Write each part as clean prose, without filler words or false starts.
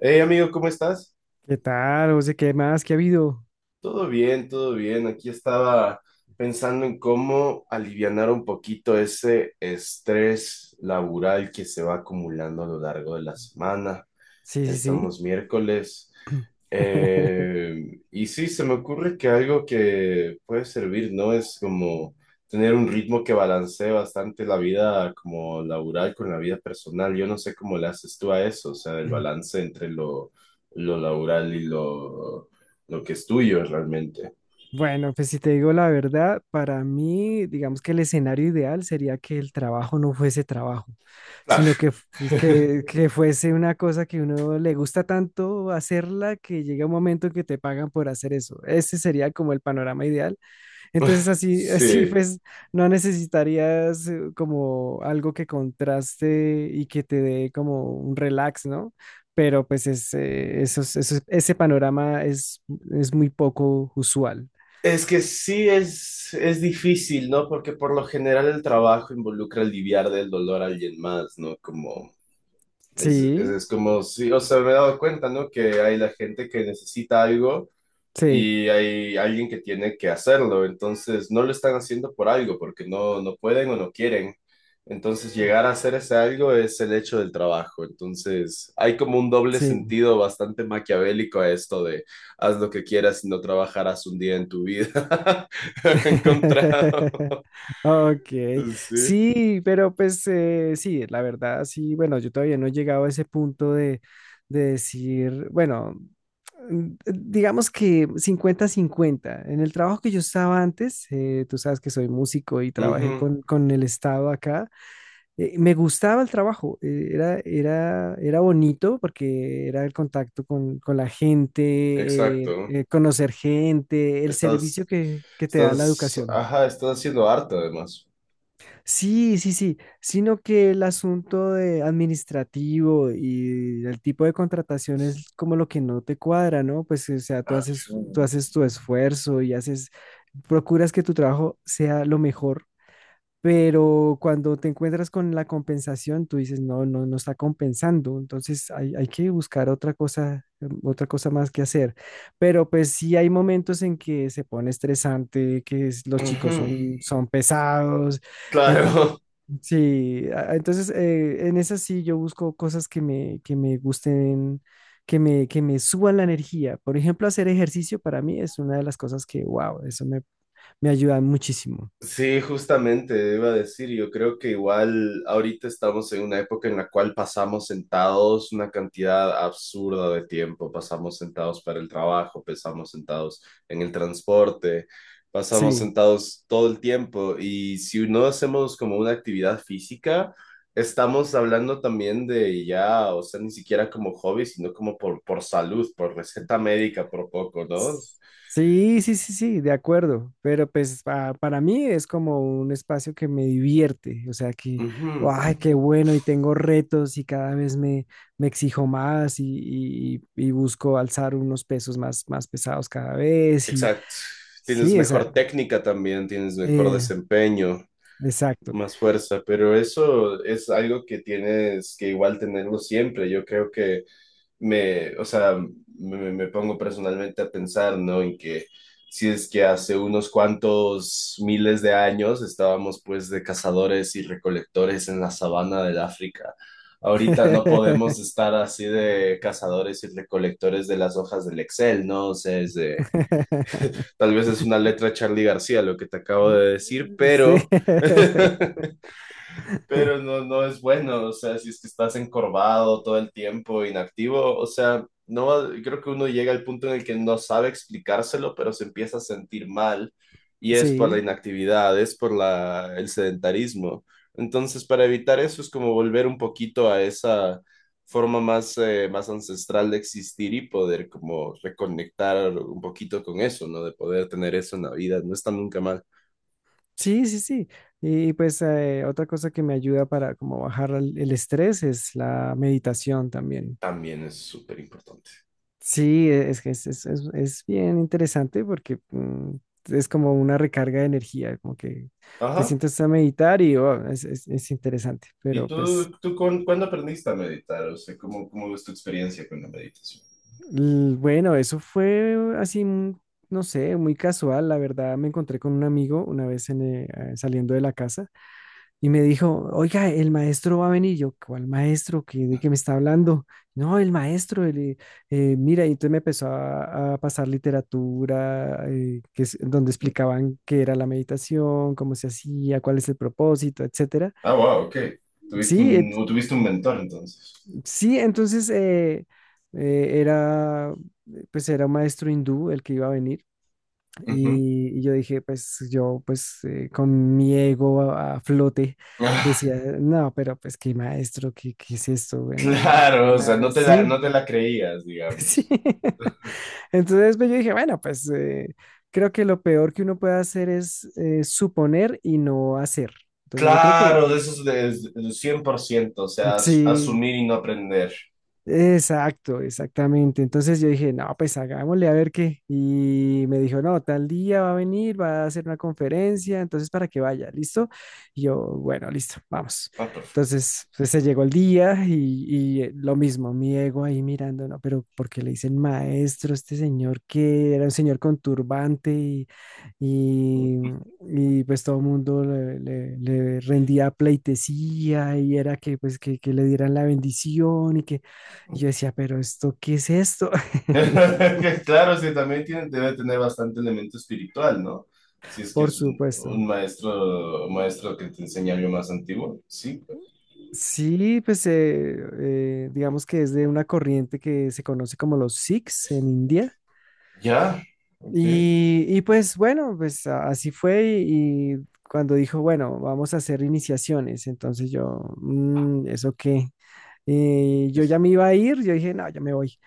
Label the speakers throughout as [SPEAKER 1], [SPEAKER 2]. [SPEAKER 1] Hey amigo, ¿cómo estás?
[SPEAKER 2] ¿Qué tal, José? ¿Qué más? ¿Qué ha habido?
[SPEAKER 1] Todo bien, todo bien. Aquí estaba pensando en cómo alivianar un poquito ese estrés laboral que se va acumulando a lo largo de la semana.
[SPEAKER 2] Sí, sí, sí.
[SPEAKER 1] Estamos miércoles. Y sí, se me ocurre que algo que puede servir, ¿no? Es como tener un ritmo que balancee bastante la vida como laboral con la vida personal. Yo no sé cómo le haces tú a eso, o sea, el balance entre lo laboral y lo que es tuyo realmente.
[SPEAKER 2] Bueno, pues si te digo la verdad, para mí, digamos que el escenario ideal sería que el trabajo no fuese trabajo, sino
[SPEAKER 1] Claro.
[SPEAKER 2] que fuese una cosa que uno le gusta tanto hacerla que llega un momento en que te pagan por hacer eso. Ese sería como el panorama ideal. Entonces así, así
[SPEAKER 1] Sí.
[SPEAKER 2] pues no necesitarías como algo que contraste y que te dé como un relax, ¿no? Pero ese panorama es muy poco usual.
[SPEAKER 1] Es que es difícil, ¿no? Porque por lo general el trabajo involucra aliviar del dolor a alguien más, ¿no? Como
[SPEAKER 2] Sí,
[SPEAKER 1] es como, si o sea, me he dado cuenta, ¿no? Que hay la gente que necesita algo
[SPEAKER 2] sí,
[SPEAKER 1] y hay alguien que tiene que hacerlo, entonces no lo están haciendo por algo, porque no pueden o no quieren. Entonces llegar a hacer ese algo es el hecho del trabajo. Entonces hay como un doble
[SPEAKER 2] sí.
[SPEAKER 1] sentido bastante maquiavélico a esto de haz lo que quieras y no trabajarás un día en tu vida. Encontrado.
[SPEAKER 2] Ok,
[SPEAKER 1] Sí.
[SPEAKER 2] sí, pero pues sí, la verdad, sí, bueno, yo todavía no he llegado a ese punto de decir, bueno, digamos que cincuenta-cincuenta. En el trabajo que yo estaba antes, tú sabes que soy músico y trabajé
[SPEAKER 1] Ujú.
[SPEAKER 2] con el Estado acá, me gustaba el trabajo, era bonito porque era el contacto con la gente,
[SPEAKER 1] Exacto.
[SPEAKER 2] conocer gente, el servicio
[SPEAKER 1] Estás,
[SPEAKER 2] que te da la educación.
[SPEAKER 1] ajá, estás haciendo arte además.
[SPEAKER 2] Sí, sí, sí, sino que el asunto de administrativo y el tipo de contratación es como lo que no te cuadra, ¿no? Pues, o sea, tú
[SPEAKER 1] Mm.
[SPEAKER 2] haces tu esfuerzo y haces, procuras que tu trabajo sea lo mejor, pero cuando te encuentras con la compensación, tú dices, no, no, no está compensando. Entonces hay que buscar otra cosa, otra cosa más que hacer. Pero pues sí hay momentos en que se pone estresante, los chicos
[SPEAKER 1] Ujú.
[SPEAKER 2] son, son pesados. Entonces,
[SPEAKER 1] Claro.
[SPEAKER 2] sí, entonces en esas sí yo busco cosas que me gusten, que me suban la energía. Por ejemplo, hacer ejercicio para mí es una de las cosas que, wow, eso me, me ayuda muchísimo.
[SPEAKER 1] Sí, justamente, iba a decir, yo creo que igual ahorita estamos en una época en la cual pasamos sentados una cantidad absurda de tiempo, pasamos sentados para el trabajo, pasamos sentados en el transporte, pasamos
[SPEAKER 2] Sí.
[SPEAKER 1] sentados todo el tiempo y si no hacemos como una actividad física, estamos hablando también de ya, o sea, ni siquiera como hobby, sino como por salud, por receta médica, por poco, ¿no?
[SPEAKER 2] Sí, sí, sí, sí, de acuerdo, pero pues para mí es como un espacio que me divierte, o sea que,
[SPEAKER 1] Ujú.
[SPEAKER 2] ay, qué bueno, y tengo retos y cada vez me, me exijo más y busco alzar unos pesos más, más pesados cada vez y
[SPEAKER 1] Exacto. Tienes
[SPEAKER 2] sí,
[SPEAKER 1] mejor
[SPEAKER 2] esa,
[SPEAKER 1] técnica también, tienes mejor
[SPEAKER 2] eh,
[SPEAKER 1] desempeño,
[SPEAKER 2] exacto.
[SPEAKER 1] más fuerza, pero eso es algo que tienes que igual tenerlo siempre. Yo creo que o sea, me pongo personalmente a pensar, ¿no? En que si es que hace unos cuantos miles de años estábamos pues de cazadores y recolectores en la sabana del África. Ahorita no podemos estar así de cazadores y recolectores de las hojas del Excel, ¿no? O sea, es de tal vez es una letra Charlie García lo que te acabo de decir,
[SPEAKER 2] Sí,
[SPEAKER 1] pero pero no, no es bueno, o sea, si es que estás encorvado todo el tiempo, inactivo, o sea, no, creo que uno llega al punto en el que no sabe explicárselo, pero se empieza a sentir mal y es por la
[SPEAKER 2] sí.
[SPEAKER 1] inactividad, es por el sedentarismo. Entonces, para evitar eso es como volver un poquito a esa forma más, más ancestral de existir y poder como reconectar un poquito con eso, ¿no? De poder tener eso en la vida, no está nunca mal.
[SPEAKER 2] Sí, sí, sí. Y pues otra cosa que me ayuda para como bajar el estrés es la meditación también.
[SPEAKER 1] También es súper importante.
[SPEAKER 2] Sí, es que es bien interesante porque es como una recarga de energía, como que te
[SPEAKER 1] Ajá,
[SPEAKER 2] sientas a meditar y oh, es interesante.
[SPEAKER 1] ¿y
[SPEAKER 2] Pero pues
[SPEAKER 1] tú cuándo aprendiste a meditar? O sea, ¿cómo, cómo es tu experiencia con la meditación?
[SPEAKER 2] bueno, eso fue así, no sé, muy casual. La verdad, me encontré con un amigo una vez en, saliendo de la casa. Y me dijo, oiga, el maestro va a venir. Yo, ¿cuál maestro? ¿Qué, de qué me está hablando? No, el maestro, el, mira, y entonces me empezó a pasar literatura, que es, donde explicaban qué era la meditación, cómo se hacía, cuál es el propósito, etcétera.
[SPEAKER 1] Ah, wow, ok. Tuviste
[SPEAKER 2] Sí,
[SPEAKER 1] un, o tuviste un mentor entonces.
[SPEAKER 2] sí, entonces era, pues era un maestro hindú el que iba a venir.
[SPEAKER 1] Ujú.
[SPEAKER 2] Y yo dije, pues yo, pues con mi ego a flote,
[SPEAKER 1] Ah,
[SPEAKER 2] decía, no, pero pues qué maestro, qué, qué es esto, bueno,
[SPEAKER 1] claro, o sea,
[SPEAKER 2] ah, sí,
[SPEAKER 1] no te la creías,
[SPEAKER 2] sí.
[SPEAKER 1] digamos.
[SPEAKER 2] Entonces pues, yo dije, bueno, pues creo que lo peor que uno puede hacer es suponer y no hacer. Entonces yo creo que
[SPEAKER 1] Claro, de esos de 100% o sea,
[SPEAKER 2] sí.
[SPEAKER 1] asumir y no aprender.
[SPEAKER 2] Exacto, exactamente. Entonces yo dije, no, pues hagámosle a ver qué. Y me dijo, no, tal día va a venir, va a hacer una conferencia, entonces para que vaya, ¿listo? Y yo, bueno, listo, vamos.
[SPEAKER 1] Ah, perfecto.
[SPEAKER 2] Entonces pues, se llegó el día y, lo mismo, mi ego ahí mirando, no, pero porque le dicen maestro a este señor que era un señor con turbante y, y, pues todo el mundo le, le rendía pleitesía y era que pues que le dieran la bendición y que y yo decía, pero esto, ¿qué es esto?
[SPEAKER 1] Que claro, sí, también tiene, debe tener bastante elemento espiritual, ¿no? Si es que
[SPEAKER 2] Por
[SPEAKER 1] es
[SPEAKER 2] supuesto.
[SPEAKER 1] un maestro que te enseña algo más antiguo, sí.
[SPEAKER 2] Sí, pues digamos que es de una corriente que se conoce como los Sikhs en India.
[SPEAKER 1] Ya, ok.
[SPEAKER 2] Y pues bueno, pues así fue y cuando dijo, bueno, vamos a hacer iniciaciones, entonces yo, "Mm, ¿eso qué?" Y yo ya me iba a ir, yo dije, no, yo me voy.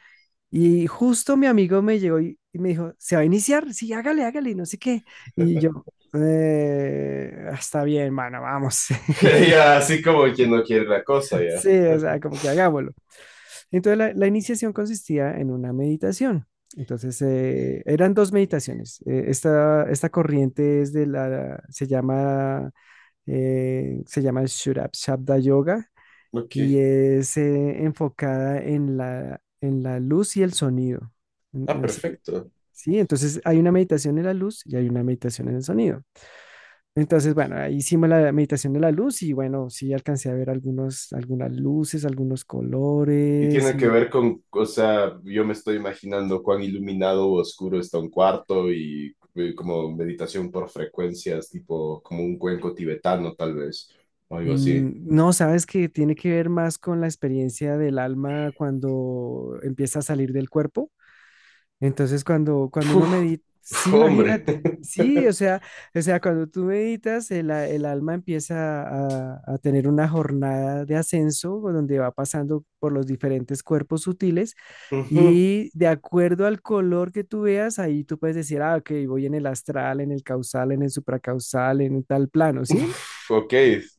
[SPEAKER 2] Y justo mi amigo me llegó y me dijo, ¿se va a iniciar? Sí, hágale, hágale, no sé qué. Y yo, está bien, mano, vamos."
[SPEAKER 1] Ya, así como quien no quiere la cosa, ya.
[SPEAKER 2] Sí, o sea, como que hagámoslo. Entonces la iniciación consistía en una meditación. Entonces eran dos meditaciones. Esta corriente es de la, se llama Shurabshabda Yoga
[SPEAKER 1] Ok.
[SPEAKER 2] y es enfocada en la luz y el sonido.
[SPEAKER 1] Ah,
[SPEAKER 2] En
[SPEAKER 1] perfecto.
[SPEAKER 2] Sí, entonces hay una meditación en la luz y hay una meditación en el sonido. Entonces, bueno, ahí hicimos la meditación de la luz y bueno, sí alcancé a ver algunos, algunas luces, algunos
[SPEAKER 1] Y
[SPEAKER 2] colores
[SPEAKER 1] tiene que
[SPEAKER 2] y
[SPEAKER 1] ver con, o sea, yo me estoy imaginando cuán iluminado o oscuro está un cuarto y como meditación por frecuencias, tipo como un cuenco tibetano, tal vez, o algo así.
[SPEAKER 2] no, sabes que tiene que ver más con la experiencia del alma cuando empieza a salir del cuerpo. Entonces, cuando, cuando
[SPEAKER 1] Uf,
[SPEAKER 2] uno medita,
[SPEAKER 1] uf,
[SPEAKER 2] sí,
[SPEAKER 1] hombre.
[SPEAKER 2] imagínate, sí, o sea, cuando tú meditas, el, el alma empieza a tener una jornada de ascenso donde va pasando por los diferentes cuerpos sutiles
[SPEAKER 1] Ujú.
[SPEAKER 2] y de acuerdo al color que tú veas, ahí tú puedes decir, ah, ok, voy en el astral, en el causal, en el supracausal, en tal plano, ¿sí?
[SPEAKER 1] Uf, ok.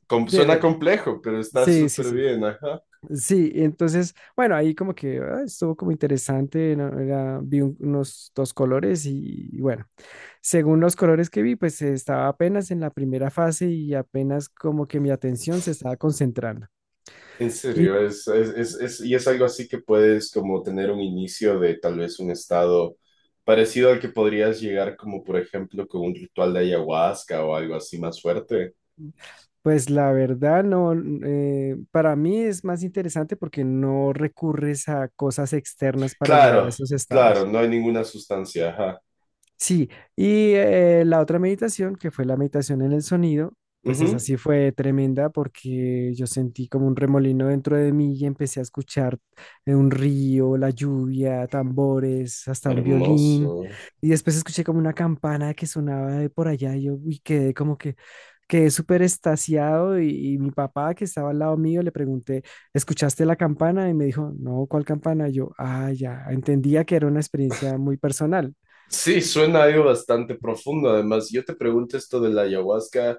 [SPEAKER 2] Sí,
[SPEAKER 1] Suena
[SPEAKER 2] bueno,
[SPEAKER 1] complejo, pero está
[SPEAKER 2] sí, sí,
[SPEAKER 1] súper
[SPEAKER 2] sí.
[SPEAKER 1] bien, ajá.
[SPEAKER 2] Sí, entonces, bueno, ahí como que ah, estuvo como interesante, ¿no? Unos dos colores y bueno. Según los colores que vi, pues estaba apenas en la primera fase y apenas como que mi atención se estaba concentrando.
[SPEAKER 1] En serio,
[SPEAKER 2] Y
[SPEAKER 1] y es algo así que puedes como tener un inicio de tal vez un estado parecido al que podrías llegar como por ejemplo con un ritual de ayahuasca o algo así más fuerte.
[SPEAKER 2] pues la verdad no, para mí es más interesante porque no recurres a cosas externas para llegar a
[SPEAKER 1] Claro,
[SPEAKER 2] esos
[SPEAKER 1] claro,
[SPEAKER 2] estados.
[SPEAKER 1] no hay ninguna sustancia, ajá.
[SPEAKER 2] Sí, y la otra meditación, que fue la meditación en el sonido, pues esa
[SPEAKER 1] Ujú.
[SPEAKER 2] sí fue tremenda porque yo sentí como un remolino dentro de mí y empecé a escuchar un río, la lluvia, tambores, hasta un
[SPEAKER 1] Hermoso.
[SPEAKER 2] violín. Y después escuché como una campana que sonaba de por allá y yo uy, quedé como que quedé súper extasiado y mi papá que estaba al lado mío le pregunté, ¿escuchaste la campana? Y me dijo, no, ¿cuál campana? Y yo, ah, ya, entendía que era una experiencia muy personal.
[SPEAKER 1] Sí, suena algo bastante profundo. Además, yo te pregunto esto de la ayahuasca.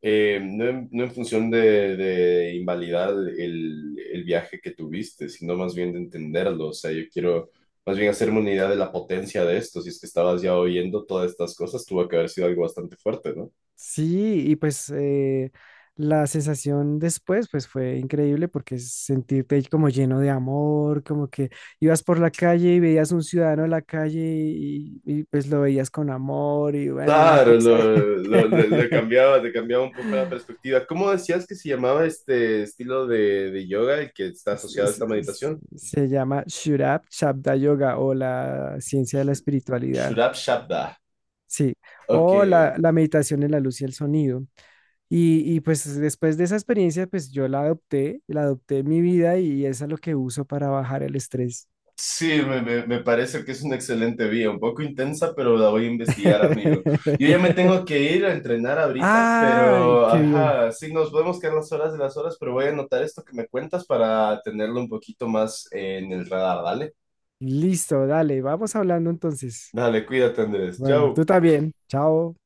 [SPEAKER 1] No, no en función de invalidar el viaje que tuviste, sino más bien de entenderlo. O sea, yo quiero más bien hacerme una idea de la potencia de esto. Si es que estabas ya oyendo todas estas cosas, tuvo que haber sido algo bastante fuerte, ¿no?
[SPEAKER 2] Sí, y pues la sensación después pues fue increíble porque sentirte ahí como lleno de amor, como que ibas por la calle y veías un ciudadano en la calle pues lo veías con amor y bueno, una
[SPEAKER 1] Claro,
[SPEAKER 2] cosa
[SPEAKER 1] le cambiaba un poco la perspectiva. ¿Cómo decías que se llamaba este estilo de yoga el que está
[SPEAKER 2] se
[SPEAKER 1] asociado a esta
[SPEAKER 2] se-
[SPEAKER 1] meditación?
[SPEAKER 2] se llama Shurab Shabda Yoga o la ciencia de la espiritualidad,
[SPEAKER 1] Shurab Shabda.
[SPEAKER 2] sí,
[SPEAKER 1] Ok,
[SPEAKER 2] o la meditación en la luz y el sonido. Y pues después de esa experiencia, pues yo la adopté en mi vida y es a lo que uso para bajar el estrés.
[SPEAKER 1] sí, me parece que es una excelente vía, un poco intensa, pero la voy a investigar, amigo. Yo ya me tengo que ir a entrenar ahorita,
[SPEAKER 2] ¡Ah!
[SPEAKER 1] pero,
[SPEAKER 2] ¡Qué bien!
[SPEAKER 1] ajá, sí, nos podemos quedar las horas de las horas, pero voy a anotar esto que me cuentas para tenerlo un poquito más en el radar, ¿vale?
[SPEAKER 2] Listo, dale, vamos hablando entonces.
[SPEAKER 1] Dale, cuídate, Andrés.
[SPEAKER 2] Bueno, tú
[SPEAKER 1] Chao.
[SPEAKER 2] también. Chao.